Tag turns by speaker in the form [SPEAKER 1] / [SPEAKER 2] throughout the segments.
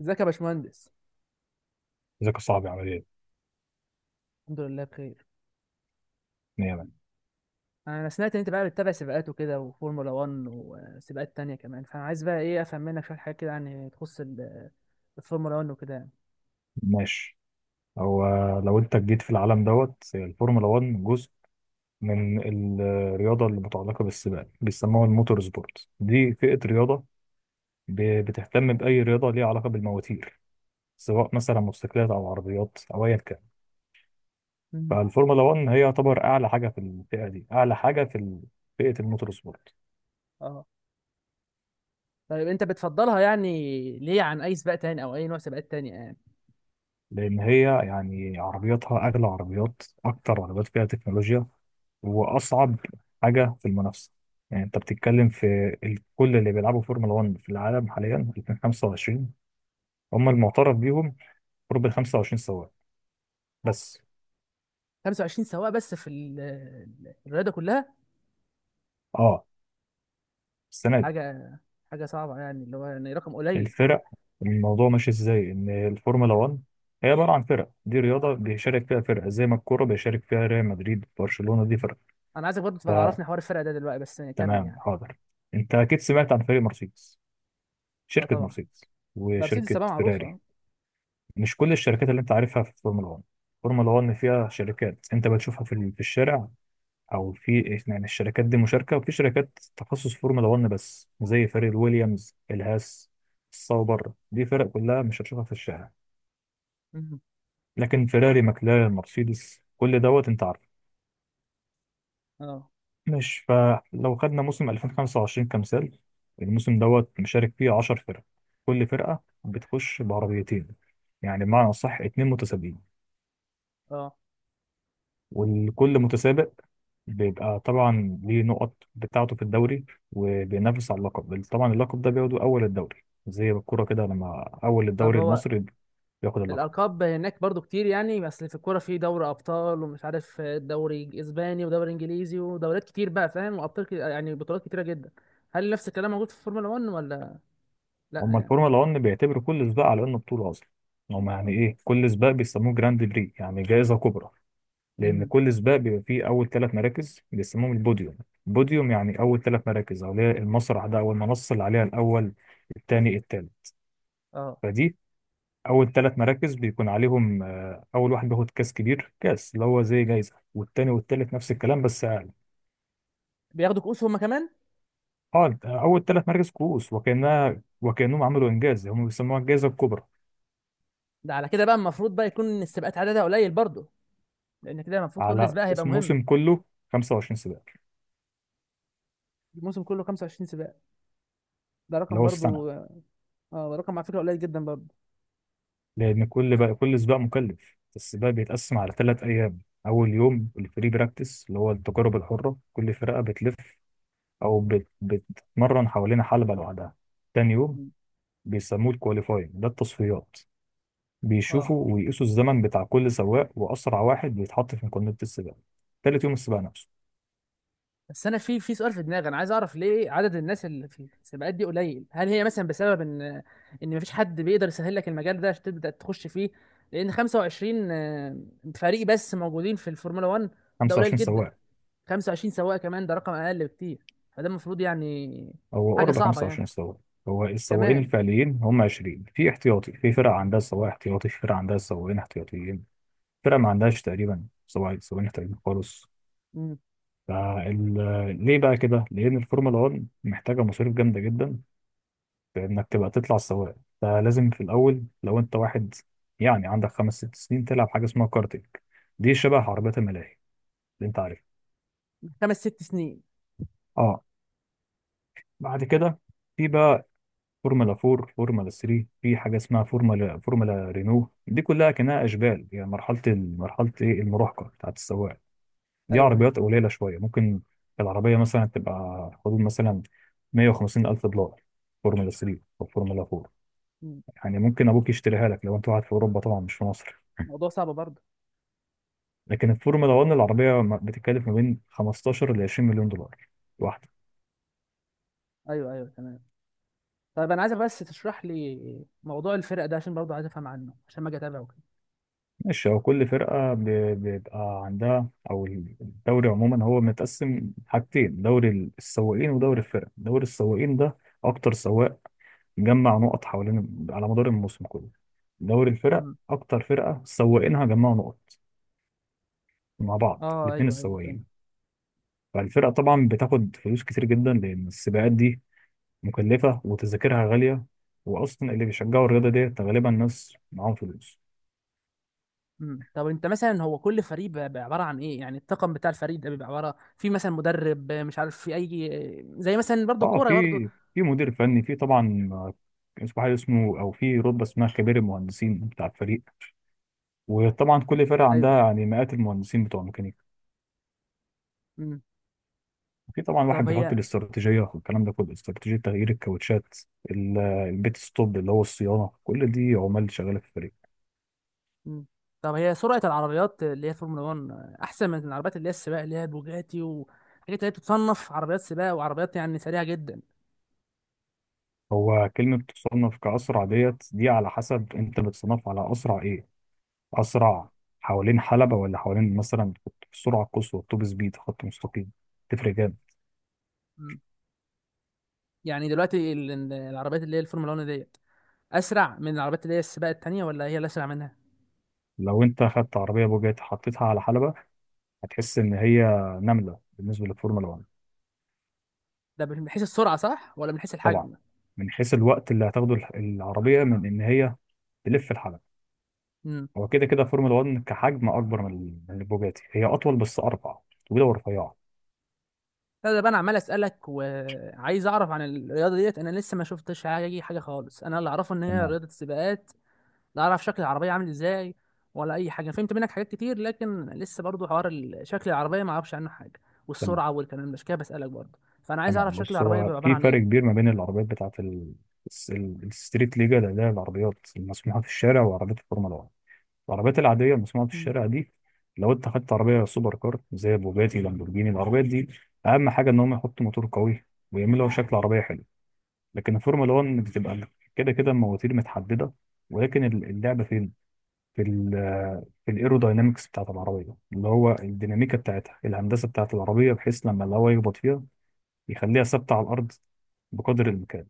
[SPEAKER 1] ازيك يا باشمهندس؟
[SPEAKER 2] ذكاء صعب عمليا.
[SPEAKER 1] الحمد لله بخير.
[SPEAKER 2] نعم.
[SPEAKER 1] انا سمعت ان انت بقى بتتابع سباقات وكده وفورمولا 1 وسباقات تانية كمان، فانا عايز بقى ايه افهم منك شويه حاجات كده يعني تخص الفورمولا 1 وكده يعني.
[SPEAKER 2] ماشي. هو لو انت جيت في العالم دوت الفورمولا 1 جزء من الرياضة اللي متعلقة بالسباق بيسموها الموتور سبورت، دي فئة رياضة بتهتم بأي رياضة ليها علاقة بالمواتير، سواء مثلا موتوسيكلات أو عربيات أو أيا كان.
[SPEAKER 1] مم.
[SPEAKER 2] فالفورمولا 1 هي يعتبر أعلى حاجة في الفئة دي، أعلى حاجة في فئة الموتور سبورت.
[SPEAKER 1] اه، طيب انت بتفضلها يعني ليه عن اي سباق تاني او اي نوع سباقات تانية يعني؟
[SPEAKER 2] لأن هي يعني عربياتها أغلى عربيات، أكتر عربيات فيها تكنولوجيا، وأصعب حاجة في المنافسة. يعني أنت بتتكلم في كل اللي بيلعبوا فورمولا 1 في العالم حاليا 2025، هم المعترف بيهم قرب ال 25 سواق بس.
[SPEAKER 1] 25 سواق بس في الرياضه كلها؟
[SPEAKER 2] أه، السنة دي.
[SPEAKER 1] حاجه حاجه صعبه يعني، اللي هو يعني رقم قليل.
[SPEAKER 2] الفرق، الموضوع ماشي إزاي، إن الفورمولا 1 هي عبارة عن فرق. دي رياضة بيشارك فيها فرق، زي ما الكورة بيشارك فيها ريال مدريد، برشلونة، دي فرق.
[SPEAKER 1] انا عايزك برضه تبقى تعرفني حوار الفرق ده دلوقتي، بس يعني كمل
[SPEAKER 2] فتمام،
[SPEAKER 1] يعني.
[SPEAKER 2] حاضر. أنت أكيد سمعت عن فريق مرسيدس،
[SPEAKER 1] اه
[SPEAKER 2] شركة
[SPEAKER 1] طبعا.
[SPEAKER 2] مرسيدس،
[SPEAKER 1] مرسيدس
[SPEAKER 2] وشركة
[SPEAKER 1] سباق معروفه،
[SPEAKER 2] فيراري.
[SPEAKER 1] اه.
[SPEAKER 2] مش كل الشركات اللي انت عارفها في الفورمولا 1. الفورمولا 1 فيها شركات انت بتشوفها في في الشارع او في، يعني الشركات دي مشاركة. وفي شركات تخصص فورمولا 1 بس، زي فريق الويليامز، الهاس، الصوبر، دي فرق كلها مش هتشوفها في الشارع.
[SPEAKER 1] مم.
[SPEAKER 2] لكن فيراري، ماكلارين، مرسيدس، كل دوت انت عارفه.
[SPEAKER 1] اه.
[SPEAKER 2] مش، فلو خدنا موسم 2025 كمثال، الموسم دوت مشارك فيه 10 فرق. كل فرقة بتخش بعربيتين، يعني بمعنى أصح 2 متسابقين.
[SPEAKER 1] اه.
[SPEAKER 2] والكل متسابق بيبقى طبعا ليه نقط بتاعته في الدوري، وبينافس على اللقب. طبعا اللقب ده بياخده أول الدوري، زي الكورة كده لما أول
[SPEAKER 1] طب
[SPEAKER 2] الدوري
[SPEAKER 1] هو
[SPEAKER 2] المصري بياخد اللقب.
[SPEAKER 1] الالقاب هناك برضو كتير يعني، بس في الكوره في دوري ابطال ومش عارف دوري اسباني ودوري انجليزي ودوريات كتير بقى، فاهم، وابطال كتير يعني، بطولات كتيره جدا. هل نفس الكلام موجود في الفورمولا 1 ولا لا
[SPEAKER 2] هما
[SPEAKER 1] يعني؟
[SPEAKER 2] الفورمولا 1 بيعتبروا كل سباق على إنه بطولة أصلا. هما يعني إيه، كل سباق بيسموه جراند بري، يعني جائزة كبرى، لأن
[SPEAKER 1] امم.
[SPEAKER 2] كل سباق بيبقى فيه أول ثلاث مراكز بيسموهم البوديوم. بوديوم يعني أول ثلاث مراكز، أو اللي هي المسرح ده، أو المنصة اللي عليها الأول، الثاني، الثالث.
[SPEAKER 1] اه.
[SPEAKER 2] فدي اول ثلاث مراكز بيكون عليهم، اول واحد بياخد كاس كبير، كاس اللي هو زي جايزه، والتاني والتالت نفس الكلام بس اقل.
[SPEAKER 1] بياخدوا كؤوس هما كمان؟
[SPEAKER 2] اه، اول ثلاث مراكز كؤوس، وكانها وكانهم عملوا انجاز، هم بيسموها الجائزه الكبرى.
[SPEAKER 1] ده على كده بقى المفروض بقى يكون السباقات عددها قليل برضو، لان كده المفروض كل
[SPEAKER 2] على
[SPEAKER 1] سباق هيبقى
[SPEAKER 2] اسم
[SPEAKER 1] مهم.
[SPEAKER 2] موسم كله 25 سباق،
[SPEAKER 1] الموسم كله 25 سباق؟ ده
[SPEAKER 2] اللي
[SPEAKER 1] رقم
[SPEAKER 2] هو السنه.
[SPEAKER 1] برضو. اه، ده رقم على فكره قليل جدا برضو.
[SPEAKER 2] لان كل سباق مكلف. السباق بيتقسم على 3 ايام. اول يوم الفري براكتس، اللي هو التجارب الحره، كل فرقه بتلف او بتتمرن حوالين حلبه لوحدها. تاني يوم
[SPEAKER 1] مم.
[SPEAKER 2] بيسموه الكواليفاينج، ده التصفيات،
[SPEAKER 1] اه،
[SPEAKER 2] بيشوفوا ويقيسوا الزمن بتاع كل سواق، وأسرع واحد بيتحط في مقارنة السباق. تالت يوم السباق نفسه.
[SPEAKER 1] بس انا في سؤال في دماغي، انا عايز اعرف ليه عدد الناس اللي في السباقات دي قليل. هل هي مثلا بسبب ان مفيش حد بيقدر يسهل لك المجال ده عشان تبدا تخش فيه؟ لان 25 فريق بس موجودين في الفورمولا 1. ده قليل
[SPEAKER 2] 25
[SPEAKER 1] جدا.
[SPEAKER 2] سواق.
[SPEAKER 1] 25 سواق كمان ده رقم اقل بكتير، فده المفروض يعني
[SPEAKER 2] هو
[SPEAKER 1] حاجه
[SPEAKER 2] قرب
[SPEAKER 1] صعبه يعني
[SPEAKER 2] 25 سواق. هو السواقين
[SPEAKER 1] كمان.
[SPEAKER 2] الفعليين هم 20، في احتياطي، في فرق عندها سواق احتياطي، في فرق عندها سواقين احتياطيين، فرق ما عندهاش تقريبا سواق سواقين احتياطيين خالص.
[SPEAKER 1] مم.
[SPEAKER 2] فال... ليه بقى كده؟ لأن الفورمولا 1 محتاجة مصاريف جامدة جدا في إنك تبقى تطلع سواق. فلازم في الأول، لو أنت واحد يعني عندك خمس ست سنين، تلعب حاجة اسمها كارتينج. دي شبه
[SPEAKER 1] آه.
[SPEAKER 2] عربيات الملاهي اللي انت عارفه.
[SPEAKER 1] 5 6 سنين.
[SPEAKER 2] اه، بعد كده في بقى فورمولا 4، فورمولا 3، في حاجه اسمها فورمولا رينو. دي كلها كانها اشبال، يعني مرحله مرحله ايه، المراهقه بتاعت السواق. دي
[SPEAKER 1] ايوه،
[SPEAKER 2] عربيات
[SPEAKER 1] ايوه.
[SPEAKER 2] قليله شويه. ممكن العربيه مثلا تبقى حدود مثلا 150 الف دولار، فورمولا 3 او فورمولا 4.
[SPEAKER 1] مم.
[SPEAKER 2] يعني ممكن ابوك يشتريها لك لو انت قاعد في اوروبا، طبعا مش في مصر.
[SPEAKER 1] موضوع صعب برضه.
[SPEAKER 2] لكن الفورمولا 1 العربيه بتتكلف ما بين 15 ل 20 مليون دولار واحده.
[SPEAKER 1] ايوه، ايوه، تمام. طيب انا عايزك بس تشرح لي موضوع الفرق ده عشان برضه عايز افهم عنه عشان ما اجي اتابعه.
[SPEAKER 2] ماشي، هو كل فرقة بيبقى عندها، أو الدوري عموما هو متقسم حاجتين: دوري السواقين ودوري الفرق. دوري السواقين ده أكتر سواق جمع نقط حوالين على مدار الموسم كله. دوري الفرق
[SPEAKER 1] كده.
[SPEAKER 2] أكتر فرقة سواقينها جمعوا نقط مع بعض،
[SPEAKER 1] اه،
[SPEAKER 2] الاتنين
[SPEAKER 1] ايوه، ايوه، فاهم.
[SPEAKER 2] السواقين. فالفرقة طبعا بتاخد فلوس كتير جدا، لأن السباقات دي مكلفة وتذاكرها غالية، وأصلا اللي بيشجعوا الرياضة ديت غالبا ناس معاهم فلوس.
[SPEAKER 1] امم. طب انت مثلا، هو كل فريق بقى عباره عن ايه يعني؟ الطاقم بتاع الفريق ده بيبقى عباره في مثلا مدرب، مش عارف في اي، زي مثلا برضو
[SPEAKER 2] اه،
[SPEAKER 1] الكوره برضو.
[SPEAKER 2] في مدير فني، في طبعا اسمه حاجه، اسمه او في رتبه اسمها خبير المهندسين بتاع الفريق. وطبعا كل فرقه عندها
[SPEAKER 1] ايوه.
[SPEAKER 2] يعني مئات المهندسين بتوع الميكانيكا.
[SPEAKER 1] امم.
[SPEAKER 2] في طبعا واحد
[SPEAKER 1] طب
[SPEAKER 2] بيحط
[SPEAKER 1] هي.
[SPEAKER 2] الاستراتيجيه والكلام ده كله، استراتيجيه تغيير الكاوتشات، البيت ستوب اللي هو الصيانه. كل دي عمال شغاله في الفريق.
[SPEAKER 1] امم. طب هي سرعه العربيات اللي هي فورمولا 1 احسن من العربيات اللي هي السباق، اللي هي البوجاتي وحاجات اللي هي بتتصنف عربيات سباق وعربيات يعني سريعه جدا؟
[SPEAKER 2] هو كلمه تصنف كاسرع ديت، دي على حسب انت بتصنف على اسرع ايه، اسرع حوالين حلبه، ولا حوالين مثلا في السرعه القصوى، التوب سبيد، خط مستقيم، تفرق.
[SPEAKER 1] امم. يعني دلوقتي العربيات اللي هي الفورمولا 1 ديت اسرع من العربيات اللي هي السباق التانيه، ولا هي اللي اسرع منها؟
[SPEAKER 2] لو انت خدت عربيه بوجاتي حطيتها على حلبه، هتحس ان هي نمله بالنسبه للفورمولا 1.
[SPEAKER 1] ده من حيث السرعه صح ولا من حيث
[SPEAKER 2] طبعا
[SPEAKER 1] الحجم؟
[SPEAKER 2] من حيث الوقت اللي هتاخده العربيه من ان هي تلف الحلبه.
[SPEAKER 1] إمم.
[SPEAKER 2] هو كده كده فورمولا 1 كحجم اكبر من من البوجاتي، هي اطول بس اربع، طويله ورفيعه.
[SPEAKER 1] لا، ده بقى انا عمال اسالك وعايز اعرف عن الرياضه ديت، انا لسه ما شفتش حاجه خالص. انا اللي اعرفه ان هي
[SPEAKER 2] تمام،
[SPEAKER 1] رياضه السباقات. لا اعرف شكل العربيه عامل ازاي، ولا اي حاجه. فهمت منك حاجات كتير، لكن لسه برضو حوار شكل العربيه ما اعرفش عنه حاجه
[SPEAKER 2] تمام،
[SPEAKER 1] والسرعه والكلام ده، عشان كده بسالك برضو، فانا عايز
[SPEAKER 2] تمام.
[SPEAKER 1] اعرف شكل
[SPEAKER 2] بص،
[SPEAKER 1] العربيه
[SPEAKER 2] هو
[SPEAKER 1] بيبقى عباره
[SPEAKER 2] في
[SPEAKER 1] عن
[SPEAKER 2] فرق كبير
[SPEAKER 1] ايه.
[SPEAKER 2] ما بين العربيات بتاعت الستريت ليجا اللي هي العربيات المسموحه في الشارع، وعربيات الفورمولا 1. العربيات العادية المصنوعة في
[SPEAKER 1] مم.
[SPEAKER 2] الشارع دي، لو انت خدت عربية سوبر كار زي بوجاتي، لامبورجيني، العربيات دي أهم حاجة إن هم يحطوا موتور قوي، ويعملوا شكل عربية حلو. لكن الفورمولا 1 بتبقى كده كده المواتير متحددة. ولكن اللعبة فين؟ في ال في الايروداينامكس بتاعت العربية، اللي هو الديناميكا بتاعتها، الهندسة بتاعت العربية، بحيث لما الهواء يخبط فيها يخليها ثابتة على الأرض بقدر الإمكان.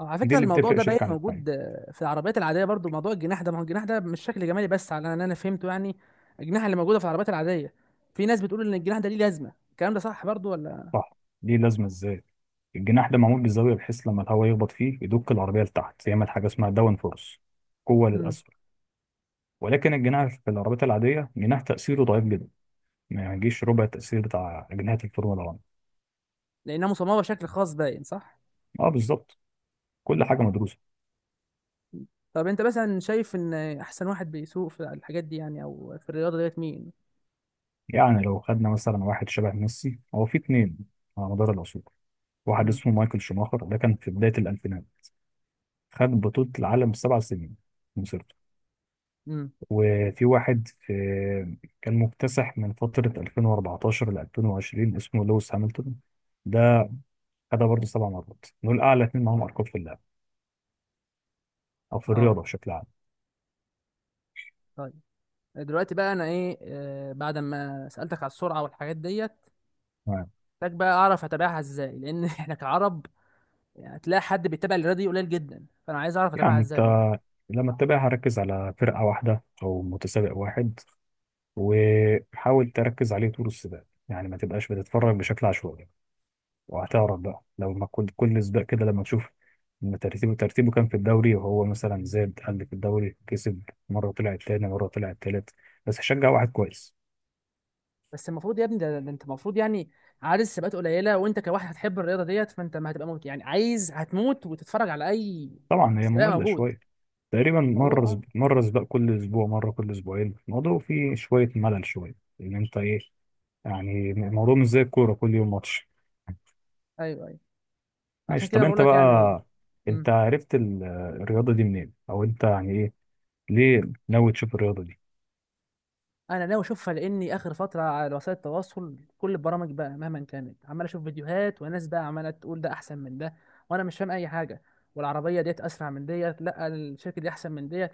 [SPEAKER 1] أو على
[SPEAKER 2] دي
[SPEAKER 1] فكره
[SPEAKER 2] اللي
[SPEAKER 1] الموضوع
[SPEAKER 2] بتفرق
[SPEAKER 1] ده باين
[SPEAKER 2] شركة عن
[SPEAKER 1] موجود
[SPEAKER 2] التانية.
[SPEAKER 1] في العربيات العاديه برضو موضوع الجناح ده، ما هو الجناح ده مش شكل جمالي بس، على ان انا فهمته يعني. الجناح اللي موجوده في العربيات العاديه، في ناس بتقول ان الجناح ده ليه لازمه، الكلام ده صح برضو ولا؟
[SPEAKER 2] صح. دي لازمة ازاي، الجناح ده معمول بالزاوية بحيث لما الهواء يخبط فيه يدك العربية لتحت، يعمل حاجة اسمها داون فورس، قوة
[SPEAKER 1] مم.
[SPEAKER 2] للأسفل. ولكن الجناح في العربيات العادية جناح تأثيره ضعيف جدا، ما يجيش ربع التأثير بتاع أجنحة الفورمولا 1.
[SPEAKER 1] لانها مصممه بشكل خاص باين، صح؟
[SPEAKER 2] اه، بالظبط، كل حاجة مدروسة.
[SPEAKER 1] طب انت مثلا شايف ان احسن واحد بيسوق في الحاجات دي يعني او في الرياضه ديت مين؟
[SPEAKER 2] يعني لو خدنا مثلا واحد شبه ميسي، هو في اتنين على مدار العصور. واحد
[SPEAKER 1] امم.
[SPEAKER 2] اسمه مايكل شوماخر، ده كان في بداية الألفينات، خد بطولة العالم 7 سنين في مسيرته.
[SPEAKER 1] امم.
[SPEAKER 2] وفي واحد في كان مكتسح من فترة 2014 ل 2020 اسمه لويس هامilton، ده خدها برضه 7 مرات. دول أعلى اتنين معاهم أرقام في اللعب أو في
[SPEAKER 1] اه،
[SPEAKER 2] الرياضة بشكل عام.
[SPEAKER 1] طيب، دلوقتي بقى انا ايه بعد ما سالتك على السرعه والحاجات ديت،
[SPEAKER 2] تمام.
[SPEAKER 1] محتاج بقى اعرف اتابعها ازاي، لان احنا كعرب يعني هتلاقي حد بيتابع الرياضه دي قليل جدا، فانا عايز اعرف اتابعها
[SPEAKER 2] يعني أنت
[SPEAKER 1] ازاي بقى.
[SPEAKER 2] لما تتابعها ركز على فرقة واحدة أو متسابق واحد، وحاول تركز عليه طول السباق، يعني ما تبقاش بتتفرج بشكل عشوائي. وهتعرف بقى لو ما كل سباق كده لما تشوف ان ترتيبه كان في الدوري، وهو مثلا زاد قل في الدوري، كسب مره طلع تاني، مره طلع تالت، بس هشجع واحد كويس.
[SPEAKER 1] بس المفروض يا ابني ده انت المفروض يعني عارف سباقات قليله، وانت كواحد هتحب الرياضه ديت فانت ما هتبقى موت يعني، عايز هتموت وتتفرج على اي
[SPEAKER 2] طبعا هي
[SPEAKER 1] سباق
[SPEAKER 2] ممله
[SPEAKER 1] موجود.
[SPEAKER 2] شويه، تقريبا
[SPEAKER 1] الموضوع، اه.
[SPEAKER 2] مره سباق كل اسبوع، مره كل اسبوعين، الموضوع فيه شويه ملل شويه. ان انت ايه، يعني الموضوع مش زي الكوره كل يوم ماتش.
[SPEAKER 1] ايوه، ايوه. عشان
[SPEAKER 2] ماشي،
[SPEAKER 1] كده
[SPEAKER 2] طب
[SPEAKER 1] أنا بقول
[SPEAKER 2] انت
[SPEAKER 1] لك يعني.
[SPEAKER 2] بقى، انت
[SPEAKER 1] مم.
[SPEAKER 2] عرفت الرياضه دي منين، او انت يعني ايه، ليه ناوي تشوف الرياضه دي؟
[SPEAKER 1] انا ناوي اشوفها لاني اخر فتره على وسائل التواصل كل البرامج بقى مهما كانت عمال اشوف فيديوهات، وناس بقى عماله تقول ده احسن من ده، وانا مش فاهم اي حاجه، والعربيه ديت اسرع من ديت، لا الشركه دي احسن من ديت،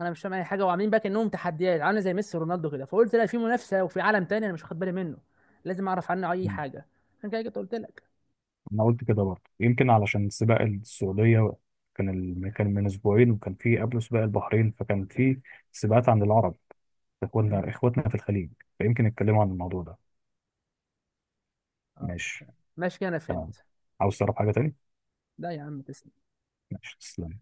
[SPEAKER 1] انا مش فاهم اي حاجه، وعاملين بقى كانهم تحديات عامله زي ميسي ورونالدو كده، فقلت لا، في منافسه وفي عالم تاني انا مش واخد بالي منه، لازم اعرف عنه اي حاجه، عشان كده جيت قلت لك.
[SPEAKER 2] انا قلت كده برضه يمكن علشان سباق السعوديه كان كان من اسبوعين، وكان في قبله سباق البحرين، فكان في سباقات عند العرب، اخواتنا
[SPEAKER 1] مم.
[SPEAKER 2] اخواتنا في الخليج. فيمكن نتكلموا عن الموضوع ده.
[SPEAKER 1] اه،
[SPEAKER 2] ماشي.
[SPEAKER 1] ماشي كده انا
[SPEAKER 2] تمام،
[SPEAKER 1] فهمت.
[SPEAKER 2] عاوز تعرف حاجه تاني؟
[SPEAKER 1] لا يا عم، تسلم.
[SPEAKER 2] ماشي، تسلم.